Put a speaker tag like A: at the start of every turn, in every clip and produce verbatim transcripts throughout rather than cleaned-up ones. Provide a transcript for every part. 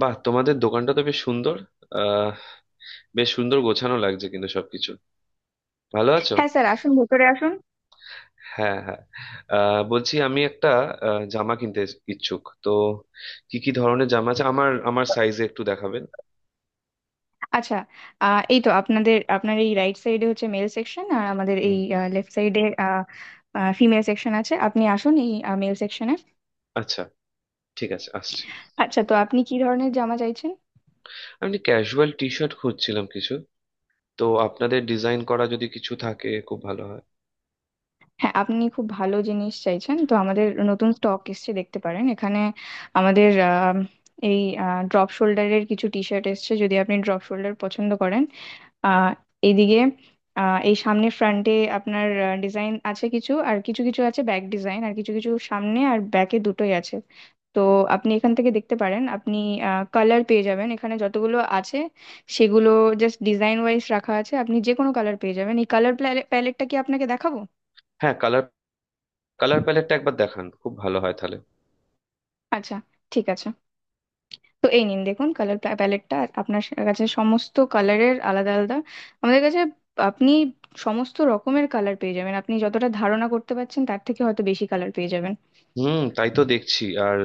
A: বাহ, তোমাদের দোকানটা তো বেশ সুন্দর। আহ বেশ সুন্দর গোছানো লাগছে কিন্তু সবকিছু। ভালো আছো?
B: হ্যাঁ স্যার, আসুন ভেতরে আসুন।
A: হ্যাঁ, হ্যাঁ। আহ বলছি আমি একটা আহ, জামা কিনতে ইচ্ছুক তো। কি কি ধরনের জামা আছে আমার আমার সাইজে একটু দেখাবেন?
B: আচ্ছা। আহ, এই তো আপনাদের আপনার এই রাইট সাইডে হচ্ছে মেল সেকশন, আর আমাদের এই
A: হুম।
B: লেফট সাইডে ফিমেল সেকশন আছে। আপনি আসুন এই মেল সেকশনে।
A: আচ্ছা, ঠিক আছে, আসছি।
B: আচ্ছা, তো আপনি কি ধরনের জামা চাইছেন?
A: আমি ক্যাজুয়াল টি শার্ট খুঁজছিলাম কিছু, তো আপনাদের ডিজাইন করা যদি কিছু থাকে খুব ভালো হয়।
B: হ্যাঁ, আপনি খুব ভালো জিনিস চাইছেন, তো আমাদের নতুন স্টক এসছে, দেখতে পারেন এখানে। আমাদের আহ, এই ড্রপ শোল্ডারের কিছু টি শার্ট এসছে, যদি আপনি ড্রপ শোল্ডার পছন্দ করেন। আহ এইদিকে, আহ এই সামনে ফ্রন্টে আপনার ডিজাইন আছে কিছু, আর কিছু কিছু আছে ব্যাক ডিজাইন, আর কিছু কিছু সামনে আর ব্যাকে দুটোই আছে। তো আপনি এখান থেকে দেখতে পারেন। আপনি কালার পেয়ে যাবেন, এখানে যতগুলো আছে সেগুলো জাস্ট ডিজাইন ওয়াইজ রাখা আছে। আপনি যে কোনো কালার পেয়ে যাবেন। এই কালার প্যালেটটা কি আপনাকে দেখাবো?
A: হ্যাঁ, কালার, কালার প্যালেটটা একবার দেখান, খুব ভালো হয় তাহলে।
B: আচ্ছা, ঠিক আছে। তো এই নিন, দেখুন কালার প্যালেটটা। আপনার সা- কাছে সমস্ত কালারের আলাদা আলাদা, আমাদের কাছে আপনি সমস্ত রকমের কালার পেয়ে যাবেন। আপনি যতটা ধারণা করতে পারছেন, তার থেকে হয়তো বেশি কালার পেয়ে যাবেন।
A: হুম, তাই তো দেখছি। আর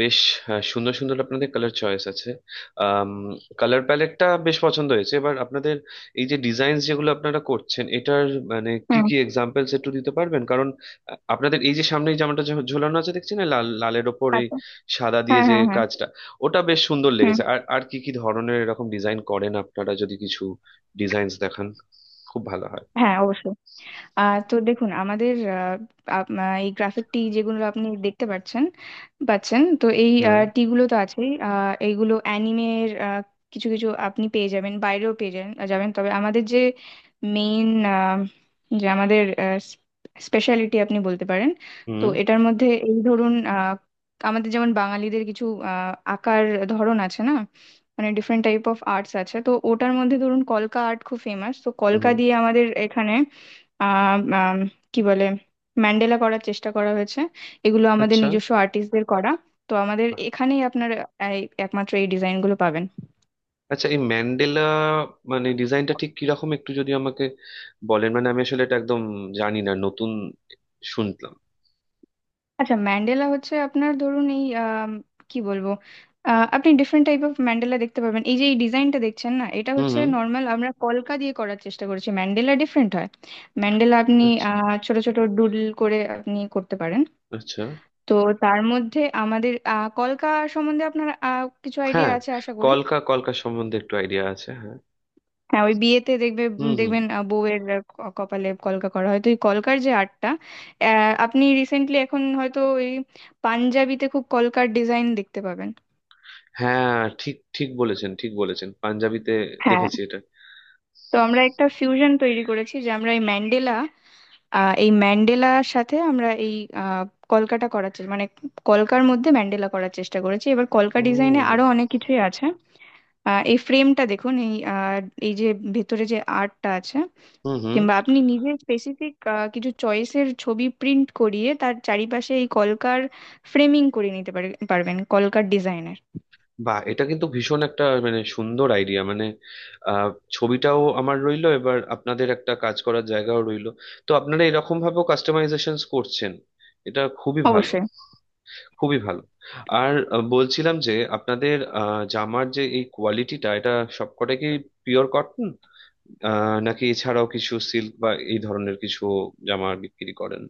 A: বেশ আহ, সুন্দর সুন্দর আপনাদের কালার চয়েস আছে। কালার প্যালেটটা বেশ পছন্দ হয়েছে। এবার আপনাদের এই যে ডিজাইন যেগুলো আপনারা করছেন, এটার মানে কি
B: হুম।
A: কি এক্সাম্পলস একটু দিতে পারবেন? কারণ আহ, আপনাদের এই যে সামনে এই জামাটা ঝো- ঝোলানো আছে দেখছি না, লাল, লালের ওপর ওই
B: আচ্ছা।
A: সাদা দিয়ে
B: হ্যাঁ
A: যে
B: হ্যাঁ হ্যাঁ।
A: কাজটা, ওটা বেশ সুন্দর
B: হুম।
A: লেগেছে। আর আর কি কি ধরনের এরকম ডিজাইন করেন আপনারা? যদি কিছু ডিজাইনস দেখান, খুব ভালো হয়।
B: হ্যাঁ অবশ্যই। আহ তো দেখুন আমাদের, আহ, আপ- আহ, এই গ্রাফিক টি যেগুলো আপনি দেখতে পাচ্ছেন পাচ্ছেন, তো এই
A: হ্যাঁ।
B: টি গুলো তো আছেই। আহ, এইগুলো অ্যানিমের কিছু কিছু, আপনি পেয়ে যাবেন বাইরেও, পেয়ে যাবেন যাবেন, তবে আমাদের যে মেইন, যে আমাদের স্পেশালিটি আপনি বলতে পারেন, তো
A: হুম,
B: এটার মধ্যে এই ধরুন আহ, আমাদের যেমন বাঙালিদের কিছু আহ, আঁকার ধরন আছে না, মানে ডিফারেন্ট টাইপ অফ আর্টস আছে, তো ওটার মধ্যে ধরুন কলকা আর্ট খুব ফেমাস, তো কলকা
A: হুম।
B: দিয়ে আমাদের এখানে আহ আম, কি বলে, ম্যান্ডেলা করার চেষ্টা করা হয়েছে। এগুলো আমাদের
A: আচ্ছা।
B: নিজস্ব আর্টিস্টদের করা। তো আমাদের এখানেই আপনার এই একমাত্র এই ডিজাইনগুলো পাবেন।
A: আচ্ছা, এই ম্যান্ডেলা মানে ডিজাইনটা ঠিক কিরকম একটু যদি আমাকে বলেন? মানে আমি আসলে এটা একদম জানি না, নতুন শুনলাম।
B: আচ্ছা, ম্যান্ডেলা হচ্ছে আপনার ধরুন এই আম, কি বলবো, আহ, আপনি ডিফারেন্ট টাইপ অফ ম্যান্ডেলা দেখতে পাবেন। এই যে এই ডিজাইনটা দেখছেন না, এটা
A: হুম,
B: হচ্ছে
A: হুম।
B: নর্মাল, আমরা কলকা দিয়ে করার চেষ্টা করেছি। ম্যান্ডেলা ডিফারেন্ট হয়। ম্যান্ডেলা আপনি
A: আচ্ছা।
B: আহ, ছোট ছোট ডুডল করে আপনি করতে পারেন।
A: আচ্ছা,
B: তো তার মধ্যে আমাদের আহ, কলকা সম্বন্ধে আপনার আহ, কিছু আইডিয়া
A: হ্যাঁ।
B: আছে আশা করি।
A: কলকা কলকা সম্বন্ধে একটু আইডিয়া আছে, হ্যাঁ।
B: হ্যাঁ, ওই বিয়েতে দেখবে,
A: হুম,
B: উম,
A: হুম।
B: দেখবেন আহ, বউয়ের আহ, ক- কপালে কলকা করা হয়, তো এই কলকার যে আর্টটা আহ, আপনি রিসেন্টলি এখন হয়তো ওই পাঞ্জাবিতে খুব কলকার ডিজাইন দেখতে পাবেন।
A: হ্যাঁ, ঠিক ঠিক বলেছেন, ঠিক বলেছেন, পাঞ্জাবিতে
B: হ্যাঁ।
A: দেখেছি এটা।
B: তো আমরা একটা ফিউশন তৈরি করেছি, যে আমরা এই ম্যান্ডেলা, আহ, এই ম্যান্ডেলার সাথে আমরা এই আহ, কলকাটা করার চেষ্টা, মানে কলকার মধ্যে ম্যান্ডেলা করার চেষ্টা করেছি। এবার কলকা ডিজাইনে
A: ও।
B: আরো অনেক কিছুই আছে। আহ, এই ফ্রেমটা দেখুন, এই আহ, এই যে ভেতরে যে আর্টটা আছে,
A: হুম, হুম।
B: কিংবা আপনি নিজে স্পেসিফিক কিছু চয়েসের ছবি প্রিন্ট করিয়ে তার চারিপাশে এই কলকার ফ্রেমিং করে নিতে পারে- পারবেন, কলকার ডিজাইনের।
A: বা, এটা কিন্তু ভীষণ একটা মানে সুন্দর আইডিয়া মানে, আহ ছবিটাও আমার রইলো, এবার আপনাদের একটা কাজ করার জায়গাও রইলো। তো আপনারা এরকম ভাবেও কাস্টমাইজেশন করছেন, এটা খুবই ভালো,
B: অবশ্যই।
A: খুবই ভালো। আর আহ, বলছিলাম যে আপনাদের আহ, জামার যে এই কোয়ালিটিটা, এটা সবকটা কি পিওর কটন আহ নাকি এছাড়াও কিছু সিল্ক বা এই ধরনের কিছু জামা বিক্রি করেন?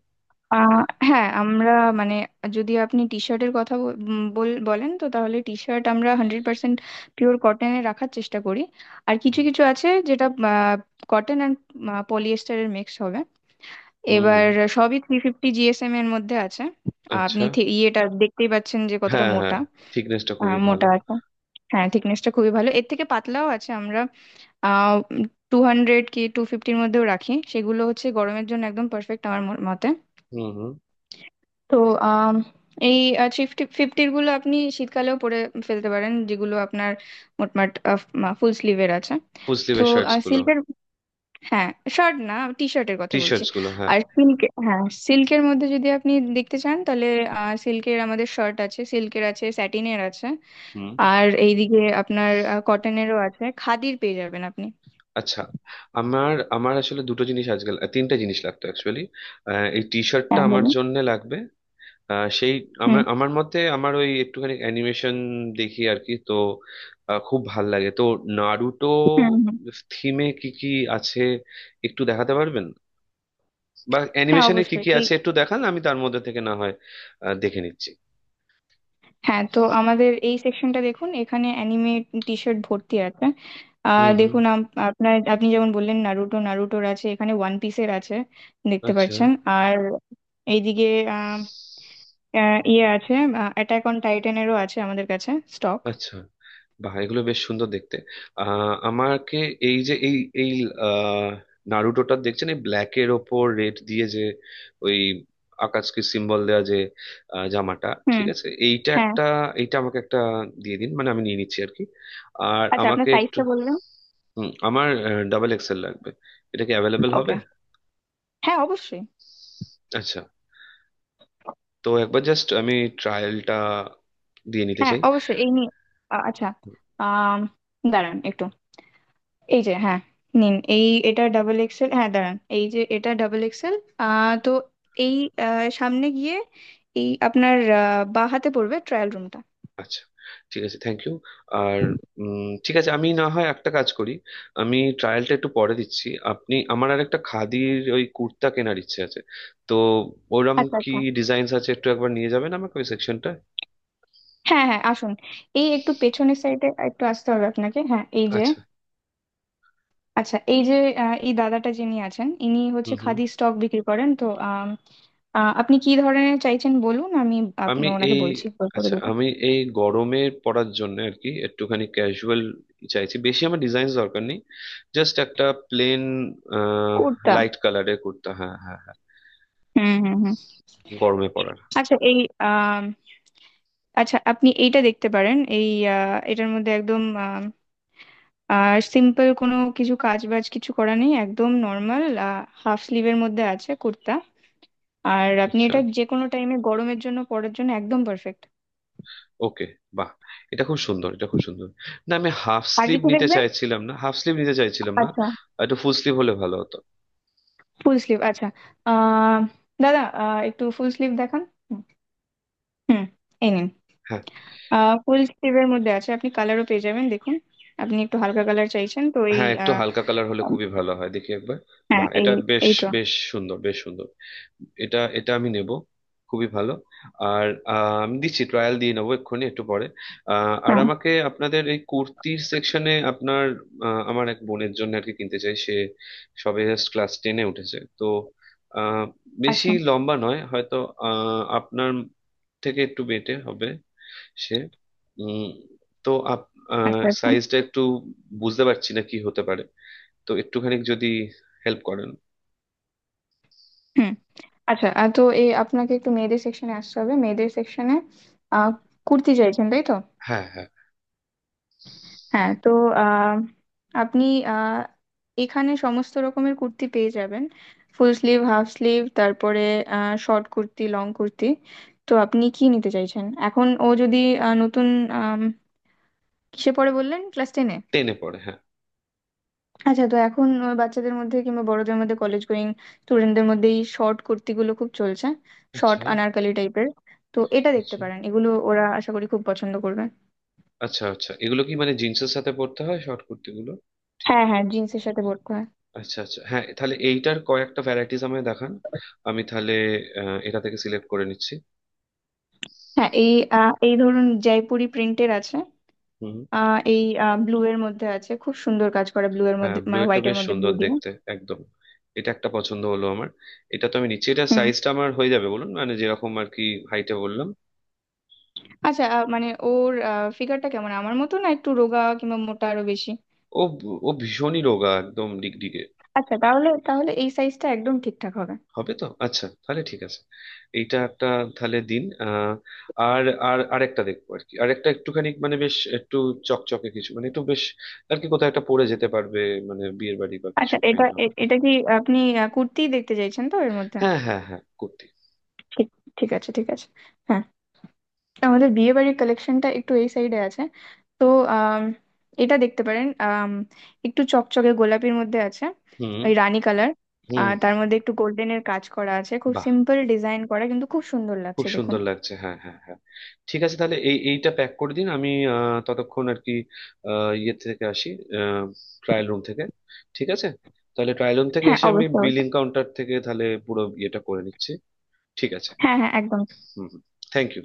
B: আহ, হ্যাঁ আমরা, মানে যদি আপনি টি শার্টের কথা বল- উম, বল- বলেন, তো তাহলে টি শার্ট আমরা হান্ড্রেড পার্সেন্ট পিওর কটনে রাখার চেষ্টা করি। আর কিছু কিছু আছে যেটা কটন অ্যান্ড পলিয়েস্টারের মিক্স হবে।
A: হুম,
B: এবার
A: হুম।
B: সবই থ্রি ফিফটি জিএসএম এর মধ্যে আছে। আপনি
A: আচ্ছা।
B: থে- ইয়েটা দেখতেই পাচ্ছেন যে কতটা
A: হ্যাঁ, হ্যাঁ,
B: মোটা।
A: থিকনেসটা
B: আহ,
A: খুবই ভালো।
B: মোটা আছে। হ্যাঁ, থিকনেসটা খুবই ভালো। এর থেকে পাতলাও আছে, আমরা আহ টু হান্ড্রেড কি টু ফিফটির মধ্যেও রাখি। সেগুলো হচ্ছে গরমের জন্য একদম পারফেক্ট আমার ম- মতে।
A: হুম, হুম।
B: তো আম, এই ফিফটি ফিফটির গুলো আপনি শীতকালেও পরে ফেলতে পারেন, যেগুলো আপনার মোটমাট ফুল স্লিভের আছে।
A: ফুল
B: তো
A: স্লিভের শার্টস গুলো?
B: সিল্কের, হ্যাঁ, শার্ট না, টি শার্টের কথা
A: টি
B: বলছি।
A: শার্টস গুলো, হ্যাঁ।
B: আর সিল্ক, হ্যাঁ সিল্কের মধ্যে যদি আপনি দেখতে চান, তাহলে সিল্কের আমাদের শার্ট আছে, সিল্কের আছে, স্যাটিনের আছে।
A: হুম।
B: আর এইদিকে আপনার আহ, কটনেরও আছে, খাদির পেয়ে যাবেন আপনি।
A: আচ্ছা। আমার আমার আসলে দুটো জিনিস আজকাল, আহ, তিনটা জিনিস লাগতো অ্যাকচুয়ালি। এই টি শার্টটা
B: হ্যাঁ
A: আমার
B: বলুন।
A: জন্য লাগবে। আহ, সেই আমার
B: হুম
A: আমার মতে আমার ওই একটুখানি অ্যানিমেশন দেখি আর কি, তো আহ, খুব ভাল লাগে তো। নারুটো
B: হুম হুম।
A: থিমে কি কি আছে একটু দেখাতে পারবেন? বা
B: হ্যাঁ
A: অ্যানিমেশনে কি
B: অবশ্যই
A: কি
B: এই।
A: আছে একটু দেখান, আমি তার মধ্যে থেকে না হয় আহ, দেখে নিচ্ছি।
B: হ্যাঁ, তো আমাদের এই সেকশনটা দেখুন, এখানে অ্যানিমে টি শার্ট ভর্তি আছে। আহ
A: হুম, হুম।
B: দেখুন, আম- আপনার আপনি যেমন বললেন, নারুটো, নারুটোর আছে এখানে, ওয়ান পিসের আছে দেখতে
A: আচ্ছা,
B: পাচ্ছেন। আর এইদিকে আহ, আহ, ইয়ে আছে, অ্যাটাক অন টাইটানেরও আছে আমাদের কাছে স্টক।
A: আচ্ছা। বাহ, এগুলো বেশ সুন্দর দেখতে। আহ আমাকে এই যে এই এই আহ নারুটোটা দেখছেন, এই ব্ল্যাকের ওপর রেড দিয়ে যে ওই আকাশকে সিম্বল দেওয়া যে আহ, জামাটা,
B: হুম।
A: ঠিক আছে, এইটা
B: হ্যাঁ।
A: একটা, এইটা আমাকে একটা দিয়ে দিন, মানে আমি নিয়ে নিচ্ছি আর কি। আর
B: আচ্ছা, আপনার
A: আমাকে একটু
B: সাইজটা বলবেন?
A: হুম, আমার ডাবল এক্সেল লাগবে, এটা কি অ্যাভেলেবেল হবে?
B: ওকে। হ্যাঁ অবশ্যই।
A: আচ্ছা, তো একবার জাস্ট আমি ট্রায়ালটা দিয়ে নিতে
B: হ্যাঁ
A: চাই।
B: অবশ্যই এই নিয়ে। আ- আচ্ছা, আম, দাঁড়ান একটু। এই যে, হ্যাঁ নিন, এই এটা ডাবল এক্সেল। হ্যাঁ দাঁড়ান, এই যে এটা ডাবল এক্সেল। আহ তো এই আ, সামনে গিয়ে এই আপনার আ, বাঁ হাতে পড়বে ট্রায়াল রুমটা।
A: আচ্ছা, ঠিক আছে, থ্যাংক ইউ। আর উম, ঠিক আছে, আমি না হয় একটা কাজ করি, আমি ট্রায়ালটা একটু পরে দিচ্ছি। আপনি আমার আর একটা খাদির ওই কুর্তা কেনার ইচ্ছে আছে, তো ওরম
B: আচ্ছা
A: কি
B: আচ্ছা।
A: ডিজাইনস আছে একটু একবার নিয়ে যাবেন আমাকে ওই সেকশনটা?
B: হ্যাঁ হ্যাঁ আসুন, এই একটু পেছনের সাইডে একটু আসতে হবে আপনাকে, হ্যাঁ এই যে।
A: আচ্ছা।
B: আচ্ছা এই যে আ, এই দাদাটা যিনি আছেন, ইনি হচ্ছে
A: হুম, হুম।
B: খাদি স্টক বিক্রি করেন, তো আম, আ, আপনি কি ধরনের চাইছেন বলুন, আমি আপ-
A: আমি
B: ওনাকে
A: এই,
B: বলছি, করে
A: আচ্ছা,
B: দেবো।
A: আমি এই গরমে পড়ার জন্য আর কি একটুখানি ক্যাজুয়াল চাইছি, বেশি আমার ডিজাইন দরকার নেই, জাস্ট একটা প্লেন
B: কোটটা।
A: লাইট কালারের কুর্তা, হ্যাঁ হ্যাঁ হ্যাঁ,
B: হুম হুম হুম।
A: গরমে পড়ার।
B: আচ্ছা এই আম, আচ্ছা আপনি এইটা দেখতে পারেন, এই আহ, এটার মধ্যে একদম সিম্পল, কোনো কিছু কাজ বাজ কিছু করা নেই, একদম নর্মাল হাফ স্লিভের মধ্যে আছে কুর্তা। আর আপনি
A: আচ্ছা,
B: এটা যে কোনো টাইমে গরমের জন্য পরার জন্য একদম পারফেক্ট।
A: ওকে। বাহ, এটা খুব সুন্দর, এটা খুব সুন্দর। না, আমি হাফ
B: আর
A: স্লিভ
B: কিছু
A: নিতে
B: দেখবেন?
A: চাইছিলাম না, হাফ স্লিভ নিতে চাইছিলাম না,
B: আচ্ছা,
A: একটু ফুল স্লিভ হলে ভালো হতো।
B: ফুল স্লিভ আচ্ছা। আহ দাদা, আহ, একটু ফুল স্লিভ দেখান। হুম। এই নিন,
A: হ্যাঁ,
B: ফুল স্লিভের মধ্যে আছে, আপনি কালারও পেয়ে যাবেন, দেখুন। আপনি একটু হালকা কালার চাইছেন তো এই
A: হ্যাঁ একটু
B: আহ,
A: হালকা কালার হলে খুবই ভালো হয়, দেখি একবার।
B: হ্যাঁ
A: বাহ,
B: এই,
A: এটা বেশ,
B: এই তো।
A: বেশ সুন্দর, বেশ সুন্দর, এটা, এটা আমি নেব, খুবই ভালো। আর আহ, আমি দিচ্ছি, ট্রায়াল দিয়ে নেবো এক্ষুনি একটু পরে। আহ, আর
B: ও
A: আমাকে আপনাদের এই কুর্তির সেকশনে আপনার আহ, আমার এক বোনের জন্য আর কি কিনতে চাই। সে সবে জাস্ট ক্লাস টেনে উঠেছে, তো আহ, বেশি
B: আচ্ছা
A: লম্বা নয় হয়তো, আহ, আপনার থেকে একটু বেটে হবে সে। উম, তো আপ
B: আচ্ছা আচ্ছা।
A: সাইজটা একটু বুঝতে পারছি না কি হতে পারে, তো একটুখানি যদি হেল্প করেন।
B: হুম। আচ্ছা, আহ, তো এই আপনাকে একটু মেয়েদের সেকশনে আসতে হবে, মেয়েদের সেকশনে কুর্তি চাইছেন তাই তো?
A: হ্যাঁ, হ্যাঁ,
B: হ্যাঁ, তো আহ, আপনি আহ, এখানে সমস্ত রকমের কুর্তি পেয়ে যাবেন, ফুল স্লিভ হাফ স্লিভ, তারপরে শর্ট কুর্তি লং কুর্তি। তো আপনি কি নিতে চাইছেন এখন? ও যদি আহ, নতুন, আম, কিসে পড়ে বললেন, ক্লাস টেনে?
A: টেনে পড়ে, হ্যাঁ।
B: আচ্ছা, তো এখন আহ, বাচ্চাদের মধ্যে কিংবা বড়দের মধ্যে কলেজ গোয়িং স্টুডেন্টদের মধ্যে এই শর্ট কুর্তিগুলো খুব চলছে, শর্ট
A: আচ্ছা।
B: আনারকলি টাইপের। তো এটা দেখতে
A: আচ্ছা।
B: পারেন, এগুলো ওরা আশা করি খুব পছন্দ করবে।
A: আচ্ছা, আচ্ছা, এগুলো কি মানে জিন্সের সাথে পড়তে হয় শর্ট কুর্তিগুলো, ঠিক?
B: হ্যাঁ হ্যাঁ, জিন্সের সাথে পরতে হয়।
A: আচ্ছা আচ্ছা, হ্যাঁ, তাহলে এইটার কয়েকটা ভ্যারাইটিস আমায় দেখান, আমি তাহলে আহ, এটা থেকে সিলেক্ট করে নিচ্ছি।
B: হ্যাঁ এই আহ, এই ধরুন জয়পুরি প্রিন্টের আছে,
A: হুম।
B: আহ, এই ব্লু এর মধ্যে আছে, খুব সুন্দর কাজ করা ব্লু এর
A: হ্যাঁ,
B: মধ্যে,
A: ব্লু,
B: মানে
A: এটা
B: হোয়াইট এর
A: বেশ
B: মধ্যে ব্লু
A: সুন্দর
B: দিয়ে।
A: দেখতে, একদম, এটা একটা পছন্দ হলো আমার, এটা তো আমি নিচ্ছি। এটা
B: হুম।
A: সাইজটা আমার হয়ে যাবে বলুন? মানে যেরকম আর কি হাইটে বললাম।
B: আচ্ছা, আহ, মানে ওর ফিগারটা কেমন, আমার মতো, না একটু রোগা, কিংবা মোটা আরো বেশি?
A: ও, ও ভীষণই রোগা, একদম ডিগডিগে।
B: আচ্ছা, তাহলে তাহলে এই সাইজটা একদম ঠিকঠাক হবে।
A: হবে? তো আচ্ছা, তাহলে ঠিক আছে, এইটা একটা তাহলে দিন। আহ, আর, আর আরেকটা দেখবো আর কি, আরেকটা একটুখানি মানে বেশ একটু চকচকে কিছু, মানে একটু বেশ আর কি কোথাও একটা পরে যেতে পারবে, মানে বিয়ের বাড়ি বা কিছু
B: আচ্ছা এটা
A: কাইন্ড অফ।
B: এ- এটা কি আপনি আহ, কুর্তি দেখতে চাইছেন তো এর মধ্যে?
A: হ্যাঁ হ্যাঁ হ্যাঁ, কুর্তি।
B: ঠিক, ঠিক আছে, ঠিক আছে। হ্যাঁ, আমাদের বিয়ে বাড়ির কালেকশনটা একটু এই সাইডে আছে। তো আম, এটা দেখতে পারেন, আম, একটু চকচকে গোলাপির মধ্যে আছে,
A: হুম।
B: ওই রানী কালার।
A: হুম।
B: আর তার মধ্যে একটু গোল্ডেনের কাজ করা আছে, খুব
A: বাহ,
B: সিম্পল ডিজাইন করা, কিন্তু খুব সুন্দর
A: খুব
B: লাগছে, দেখুন।
A: সুন্দর লাগছে, হ্যাঁ হ্যাঁ হ্যাঁ। ঠিক আছে, তাহলে এই এইটা প্যাক করে দিন, আমি আহ, ততক্ষণ আর কি আহ, ইয়ে থেকে আসি, ট্রায়াল রুম থেকে। ঠিক আছে, তাহলে ট্রায়াল রুম থেকে
B: হ্যাঁ
A: এসে আমি
B: অবশ্যই,
A: বিলিং
B: অবশ্যই।
A: কাউন্টার থেকে তাহলে পুরো ইয়েটা করে নিচ্ছি। ঠিক আছে।
B: হ্যাঁ হ্যাঁ একদম
A: হুম, হুম, থ্যাংক ইউ।